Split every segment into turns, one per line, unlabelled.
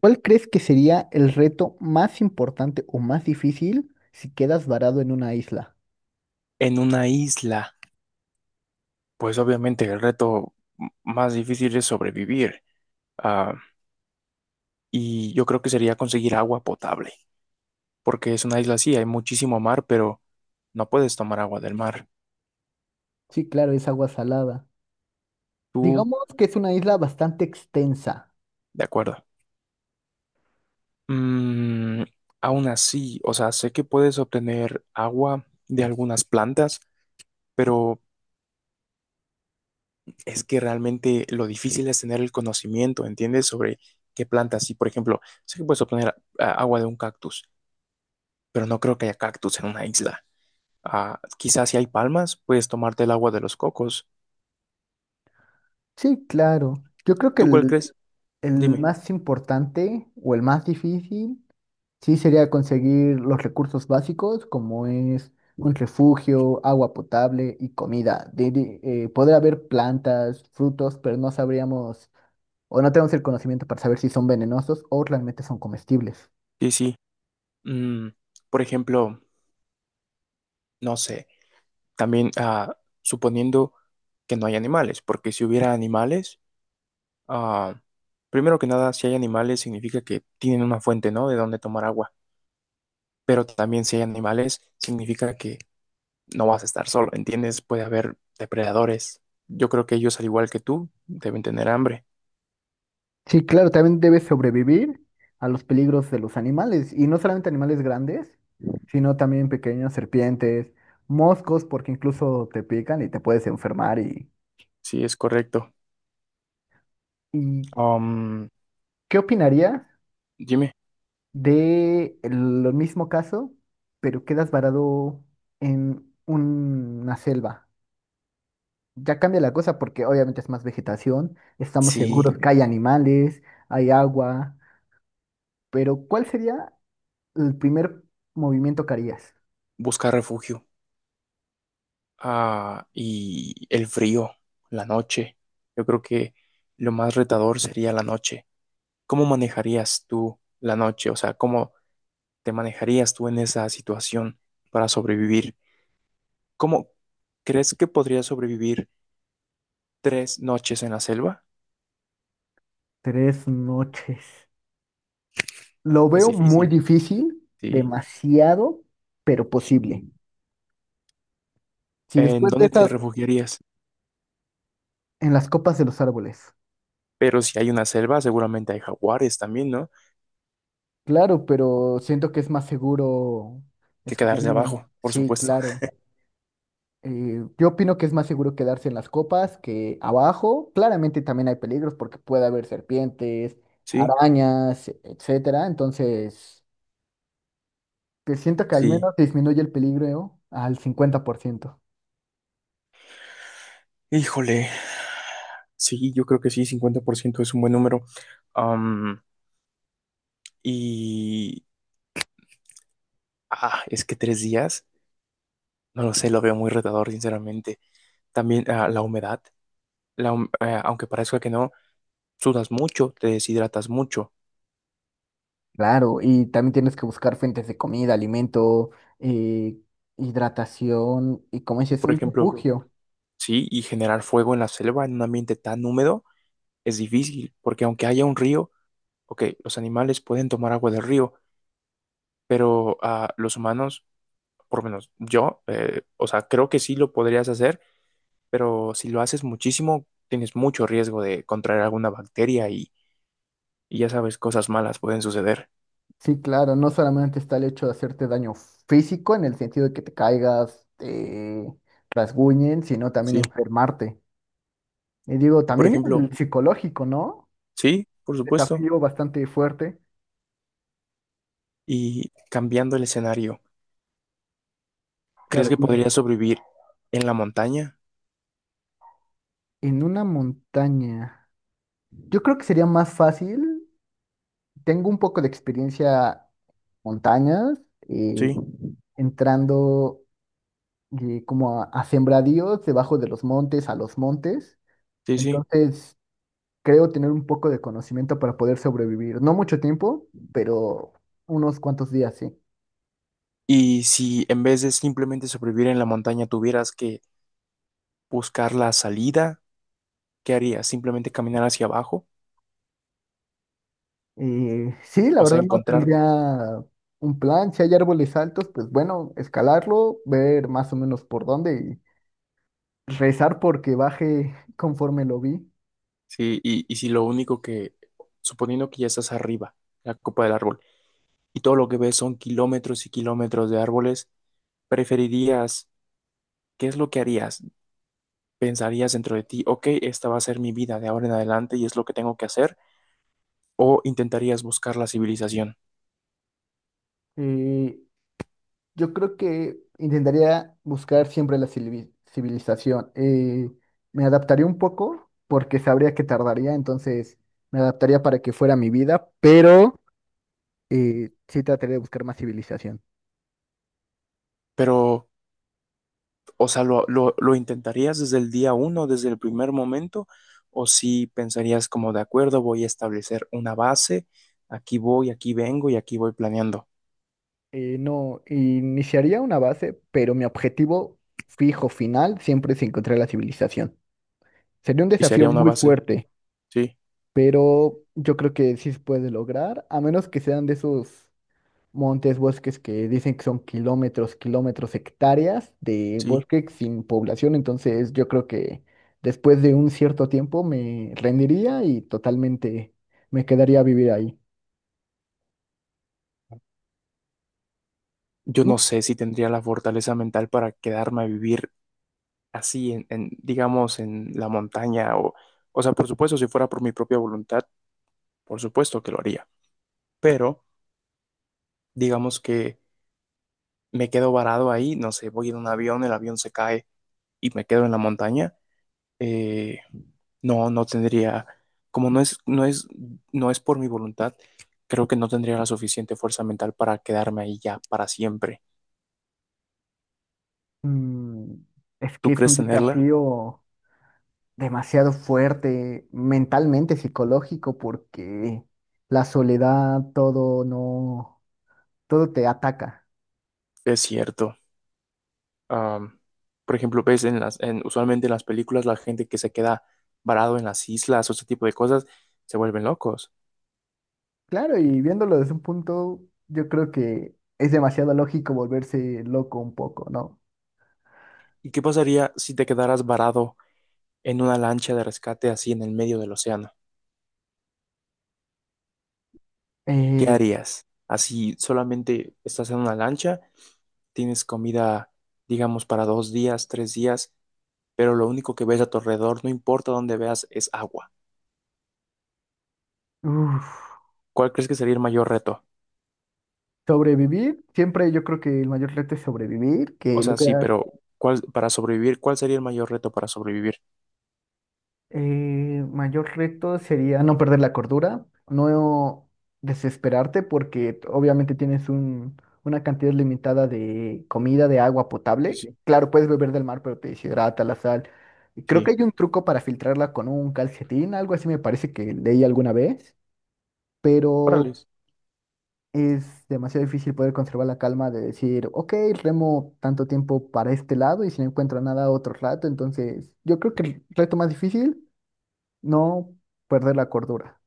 ¿Cuál crees que sería el reto más importante o más difícil si quedas varado en una isla?
En una isla, pues obviamente el reto más difícil es sobrevivir. Ah, y yo creo que sería conseguir agua potable, porque es una isla así, hay muchísimo mar, pero no puedes tomar agua del mar.
Sí, claro, es agua salada.
Tú,
Digamos que es una isla bastante extensa.
de acuerdo. Mm, Aún así, o sea, sé que puedes obtener agua de algunas plantas, pero es que realmente lo difícil es tener el conocimiento, ¿entiendes? Sobre qué plantas. Y, por ejemplo, sé que puedes obtener agua de un cactus, pero no creo que haya cactus en una isla. Ah, quizás si hay palmas, puedes tomarte el agua de los cocos.
Sí, claro. Yo creo que
¿Tú cuál
el,
crees?
el
Dime.
más importante o el más difícil sí sería conseguir los recursos básicos como es un refugio, agua potable y comida. Poder haber plantas, frutos, pero no sabríamos o no tenemos el conocimiento para saber si son venenosos o realmente son comestibles.
Sí, sí. Mm, por ejemplo, no sé, también suponiendo que no hay animales, porque si hubiera animales, ah, primero que nada, si hay animales significa que tienen una fuente, ¿no? De donde tomar agua, pero también si hay animales significa que no vas a estar solo, ¿entiendes? Puede haber depredadores. Yo creo que ellos, al igual que tú, deben tener hambre.
Sí, claro, también debe sobrevivir a los peligros de los animales, y no solamente animales grandes, sino también pequeñas serpientes, moscos, porque incluso te pican y te puedes enfermar. ¿Y,
Sí, es correcto.
y
Um,
qué opinarías
Dime.
de el mismo caso, pero quedas varado en una selva? Ya cambia la cosa porque obviamente es más vegetación, estamos
Sí.
seguros que hay animales, hay agua, pero ¿cuál sería el primer movimiento que harías?
Buscar refugio. Ah, y el frío, la noche. Yo creo que lo más retador sería la noche. ¿Cómo manejarías tú la noche? O sea, ¿cómo te manejarías tú en esa situación para sobrevivir? ¿Cómo crees que podrías sobrevivir 3 noches en la selva?
3 noches. Lo
Es
veo muy
difícil,
difícil,
sí.
demasiado, pero posible. Si
¿En
después de
dónde te
esas,
refugiarías?
en las copas de los árboles.
Pero si hay una selva, seguramente hay jaguares también, ¿no?
Claro, pero siento que es más seguro
Que quedarse
esconderme.
abajo, por
Sí,
supuesto.
claro. Yo opino que es más seguro quedarse en las copas que abajo. Claramente también hay peligros porque puede haber serpientes,
Sí,
arañas, etcétera. Entonces, que siento que al
sí.
menos disminuye el peligro al 50%.
Híjole, sí, yo creo que sí. Cincuenta por ciento es un buen número. Am, y es que 3 días, no lo sé, lo veo muy retador, sinceramente. También la humedad, aunque parezca que no, sudas mucho, te deshidratas mucho.
Claro, y también tienes que buscar fuentes de comida, alimento, eh, hidratación y como
Y
dices,
por
un
ejemplo,
refugio.
sí, y generar fuego en la selva en un ambiente tan húmedo es difícil, porque aunque haya un río, ok, los animales pueden tomar agua del río, pero los humanos, por lo menos yo, o sea, creo que sí lo podrías hacer pero si lo haces muchísimo, tienes mucho riesgo de contraer alguna bacteria y ya sabes, cosas malas pueden suceder,
Sí, claro, no solamente está el hecho de hacerte daño físico en el sentido de que te caigas, te rasguñen, sino también
¿sí?
enfermarte. Y digo,
Y por
también
ejemplo,
el psicológico, ¿no?
sí, por supuesto.
Desafío bastante fuerte.
Y cambiando el escenario, ¿crees
Claro,
que
dime,
podrías sobrevivir en la montaña?
en una montaña. Yo creo que sería más fácil. Tengo un poco de experiencia en montañas, eh,
Sí,
entrando y como a sembradíos debajo de los montes, a los montes.
sí, sí.
Entonces, creo tener un poco de conocimiento para poder sobrevivir. No mucho tiempo, pero unos cuantos días, sí.
Y si en vez de simplemente sobrevivir en la montaña tuvieras que buscar la salida, ¿qué harías? ¿Simplemente caminar hacia abajo?
Y sí, la
O sea,
verdad no
encontrar,
tendría un plan. Si hay árboles altos, pues bueno, escalarlo, ver más o menos por dónde y rezar porque baje conforme lo vi.
sí, y si lo único que, suponiendo que ya estás arriba, la copa del árbol, y todo lo que ves son kilómetros y kilómetros de árboles, preferirías, ¿qué es lo que harías? ¿Pensarías dentro de ti, ok, esta va a ser mi vida de ahora en adelante y es lo que tengo que hacer? ¿O intentarías buscar la civilización?
Eh, Yo creo que intentaría buscar siempre la civilización. Me adaptaría un poco porque sabría que tardaría, entonces me adaptaría para que fuera mi vida, pero sí trataría de buscar más civilización.
Pero, o sea, ¿lo intentarías desde el día uno, desde el primer momento? ¿O si pensarías como, de acuerdo, voy a establecer una base, aquí voy, aquí vengo y aquí voy planeando?
No, iniciaría una base, pero mi objetivo fijo final siempre es encontrar la civilización. Sería un
Y
desafío
sería una
muy
base,
fuerte,
sí,
pero yo creo que sí se puede lograr, a menos que sean de esos montes, bosques que dicen que son kilómetros, kilómetros, hectáreas de
sí.
bosque sin población. Entonces yo creo que después de un cierto tiempo me rendiría y totalmente me quedaría a vivir ahí.
Yo
¿Tú?
no sé si tendría la fortaleza mental para quedarme a vivir así en, digamos, en la montaña o sea, por supuesto, si fuera por mi propia voluntad, por supuesto que lo haría, pero digamos que me quedo varado ahí, no sé, voy en un avión, el avión se cae y me quedo en la montaña, eh, no, no tendría, como no es por mi voluntad, creo que no tendría la suficiente fuerza mental para quedarme ahí ya para siempre.
Mm, es
¿Tú
que es
crees
un
tenerla?
desafío demasiado fuerte mentalmente, psicológico, porque la soledad, todo no, todo te ataca.
Es cierto. Am, por ejemplo, ves en las, usualmente en las películas la gente que se queda varado en las islas o ese tipo de cosas se vuelven locos.
Claro, y viéndolo desde un punto, yo creo que es demasiado lógico volverse loco un poco, ¿no?
¿Y qué pasaría si te quedaras varado en una lancha de rescate así en el medio del océano? ¿Qué
Eh,
harías? Así solamente estás en una lancha, tienes comida, digamos, para 2 días, 3 días, pero lo único que ves a tu alrededor, no importa dónde veas, es agua.
Uf,
¿Cuál crees que sería el mayor reto?
sobrevivir, siempre yo creo que el mayor reto es sobrevivir,
O
que lo
sea,
que
sí, pero ¿cuál, para sobrevivir, cuál sería el mayor reto para sobrevivir?
mayor reto sería no perder la cordura, no desesperarte porque obviamente tienes un, una cantidad limitada de comida, de agua
Sí,
potable.
sí.
Claro, puedes beber del mar, pero te deshidrata la sal. Y creo
Sí.
que hay un truco para filtrarla con un calcetín, algo así me parece que leí alguna vez. Pero
Órales.
es demasiado difícil poder conservar la calma de decir, ok, remo tanto tiempo para este lado y si no encuentro nada otro rato, entonces yo creo que el reto más difícil, no perder la cordura.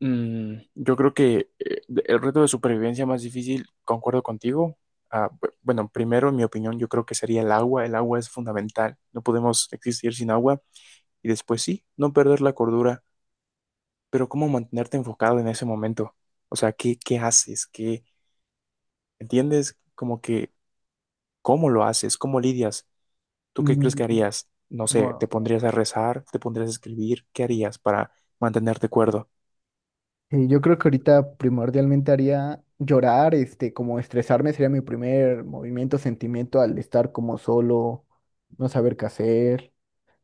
Yo creo que el reto de supervivencia más difícil, concuerdo contigo. Ah, bueno, primero, en mi opinión, yo creo que sería el agua. El agua es fundamental. No podemos existir sin agua. Y después sí, no perder la cordura. Pero ¿cómo mantenerte enfocado en ese momento? O sea, ¿qué haces? ¿Qué entiendes? Como que, ¿cómo lo haces? ¿Cómo lidias? ¿Tú qué crees
Mm,
que harías? No sé,
no.
¿te pondrías a rezar? ¿Te pondrías a escribir? ¿Qué harías para mantenerte cuerdo?
Yo creo que ahorita primordialmente haría llorar, este, como estresarme sería mi primer movimiento, sentimiento al estar como solo, no saber qué hacer.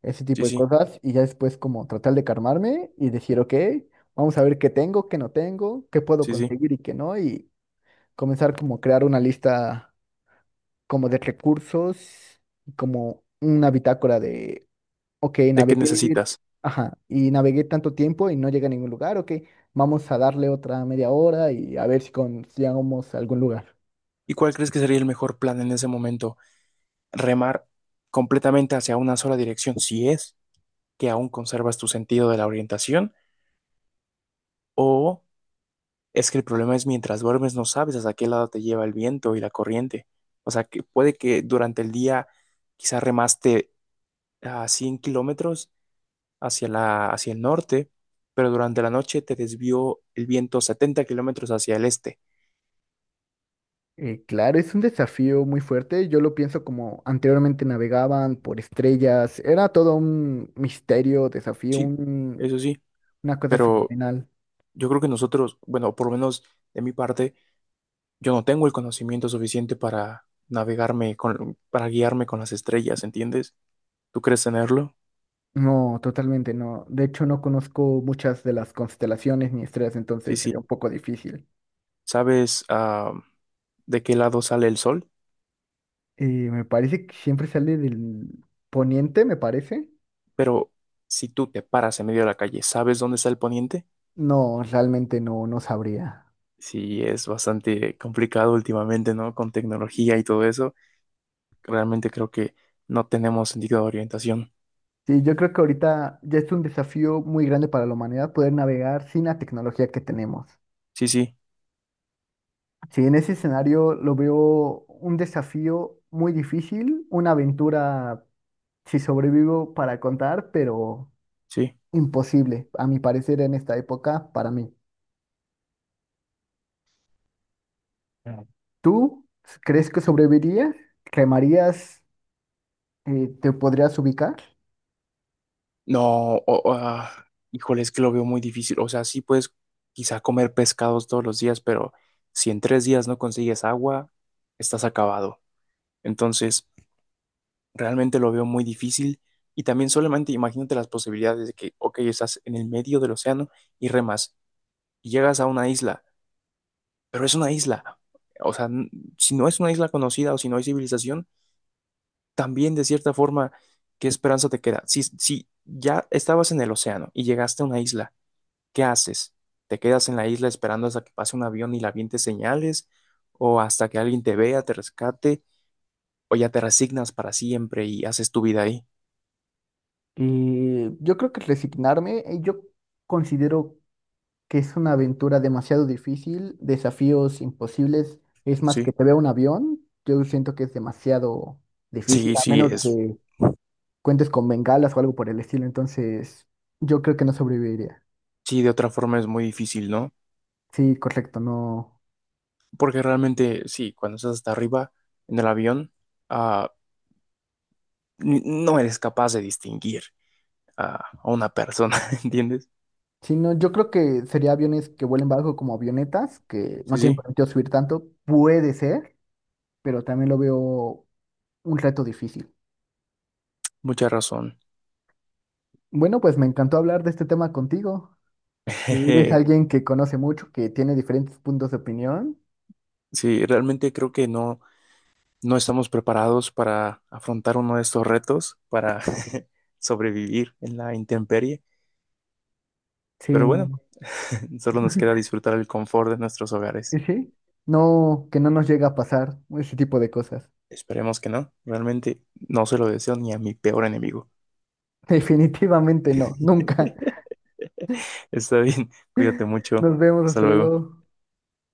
Ese
Sí,
tipo de
sí,
cosas y ya después como tratar de calmarme y decir, ok, vamos a ver qué tengo, qué no tengo, qué puedo
sí, sí.
conseguir y qué no, y comenzar como a crear una lista como de recursos, y como una bitácora de, ok,
¿De qué
navegué,
necesitas?
ajá, y navegué tanto tiempo y no llegué a ningún lugar, ok, vamos a darle otra media hora y a ver si llegamos a algún lugar.
¿Y cuál crees que sería el mejor plan en ese momento? ¿Remar completamente hacia una sola dirección, si es que aún conservas tu sentido de la orientación? ¿O es que el problema es mientras duermes no sabes hacia qué lado te lleva el viento y la corriente? O sea, que puede que durante el día quizás remaste a 100 km hacia el norte, pero durante la noche te desvió el viento 70 km hacia el este.
Claro, es un desafío muy fuerte. Yo lo pienso como anteriormente navegaban por estrellas. Era todo un misterio, desafío,
Sí, eso sí,
una cosa
pero
fenomenal.
yo creo que nosotros, bueno, por lo menos de mi parte, yo no tengo el conocimiento suficiente para guiarme con las estrellas, ¿entiendes? ¿Tú crees tenerlo?
No, totalmente no. De hecho, no conozco muchas de las constelaciones ni estrellas,
Sí,
entonces
sí.
sería un poco difícil.
¿Sabes, de qué lado sale el sol?
Me parece que siempre sale del poniente, me parece.
Pero si tú te paras en medio de la calle, ¿sabes dónde está el poniente?
No, realmente no, no sabría.
Sí, es bastante complicado últimamente, ¿no? Con tecnología y todo eso. Realmente creo que no tenemos sentido de orientación.
Sí, yo creo que ahorita ya es un desafío muy grande para la humanidad poder navegar sin la tecnología que tenemos.
Sí, sí,
Sí, en ese escenario lo veo un desafío muy difícil, una aventura, si sobrevivo, para contar, pero
sí.
imposible, a mi parecer, en esta época para mí. ¿Tú crees que sobrevivirías? ¿Remarías? ¿Te podrías ubicar?
No, híjole, es que lo veo muy difícil. O sea, sí puedes quizá comer pescados todos los días, pero si en 3 días no consigues agua, estás acabado. Entonces, realmente lo veo muy difícil. Y también solamente imagínate las posibilidades de que, ok, estás en el medio del océano y remas y llegas a una isla, pero es una isla. O sea, si no es una isla conocida o si no hay civilización, también de cierta forma, ¿qué esperanza te queda? Si ya estabas en el océano y llegaste a una isla, ¿qué haces? ¿Te quedas en la isla esperando hasta que pase un avión y la aviente señales? ¿O hasta que alguien te vea, te rescate? ¿O ya te resignas para siempre y haces tu vida ahí?
Y yo creo que resignarme, yo considero que es una aventura demasiado difícil, desafíos imposibles. Es más que
Sí,
te vea un avión, yo siento que es demasiado difícil,
sí,
a
sí,
menos
es,
que cuentes con bengalas o algo por el estilo, entonces yo creo que no sobreviviría.
sí, de otra forma es muy difícil, ¿no?
Sí, correcto, no.
Porque realmente, sí, cuando estás hasta arriba en el avión, ah, no eres capaz de distinguir a a una persona, ¿entiendes?
Sí, no, yo creo que sería aviones que vuelen bajo como avionetas, que no
Sí,
tienen
sí,
permitido subir tanto, puede ser, pero también lo veo un reto difícil.
mucha razón.
Bueno, pues me encantó hablar de este tema contigo. Eres alguien que conoce mucho, que tiene diferentes puntos de opinión.
Sí, realmente creo que no. No estamos preparados para afrontar uno de estos retos, para sobrevivir en la intemperie,
Sí,
pero bueno,
no.
solo nos queda disfrutar el confort de nuestros hogares.
Y sí. No, que no nos llega a pasar ese tipo de cosas.
Esperemos que no, realmente no se lo deseo ni a mi peor enemigo.
Definitivamente no, nunca.
Está bien, cuídate mucho,
Nos vemos,
hasta
hasta
luego.
luego.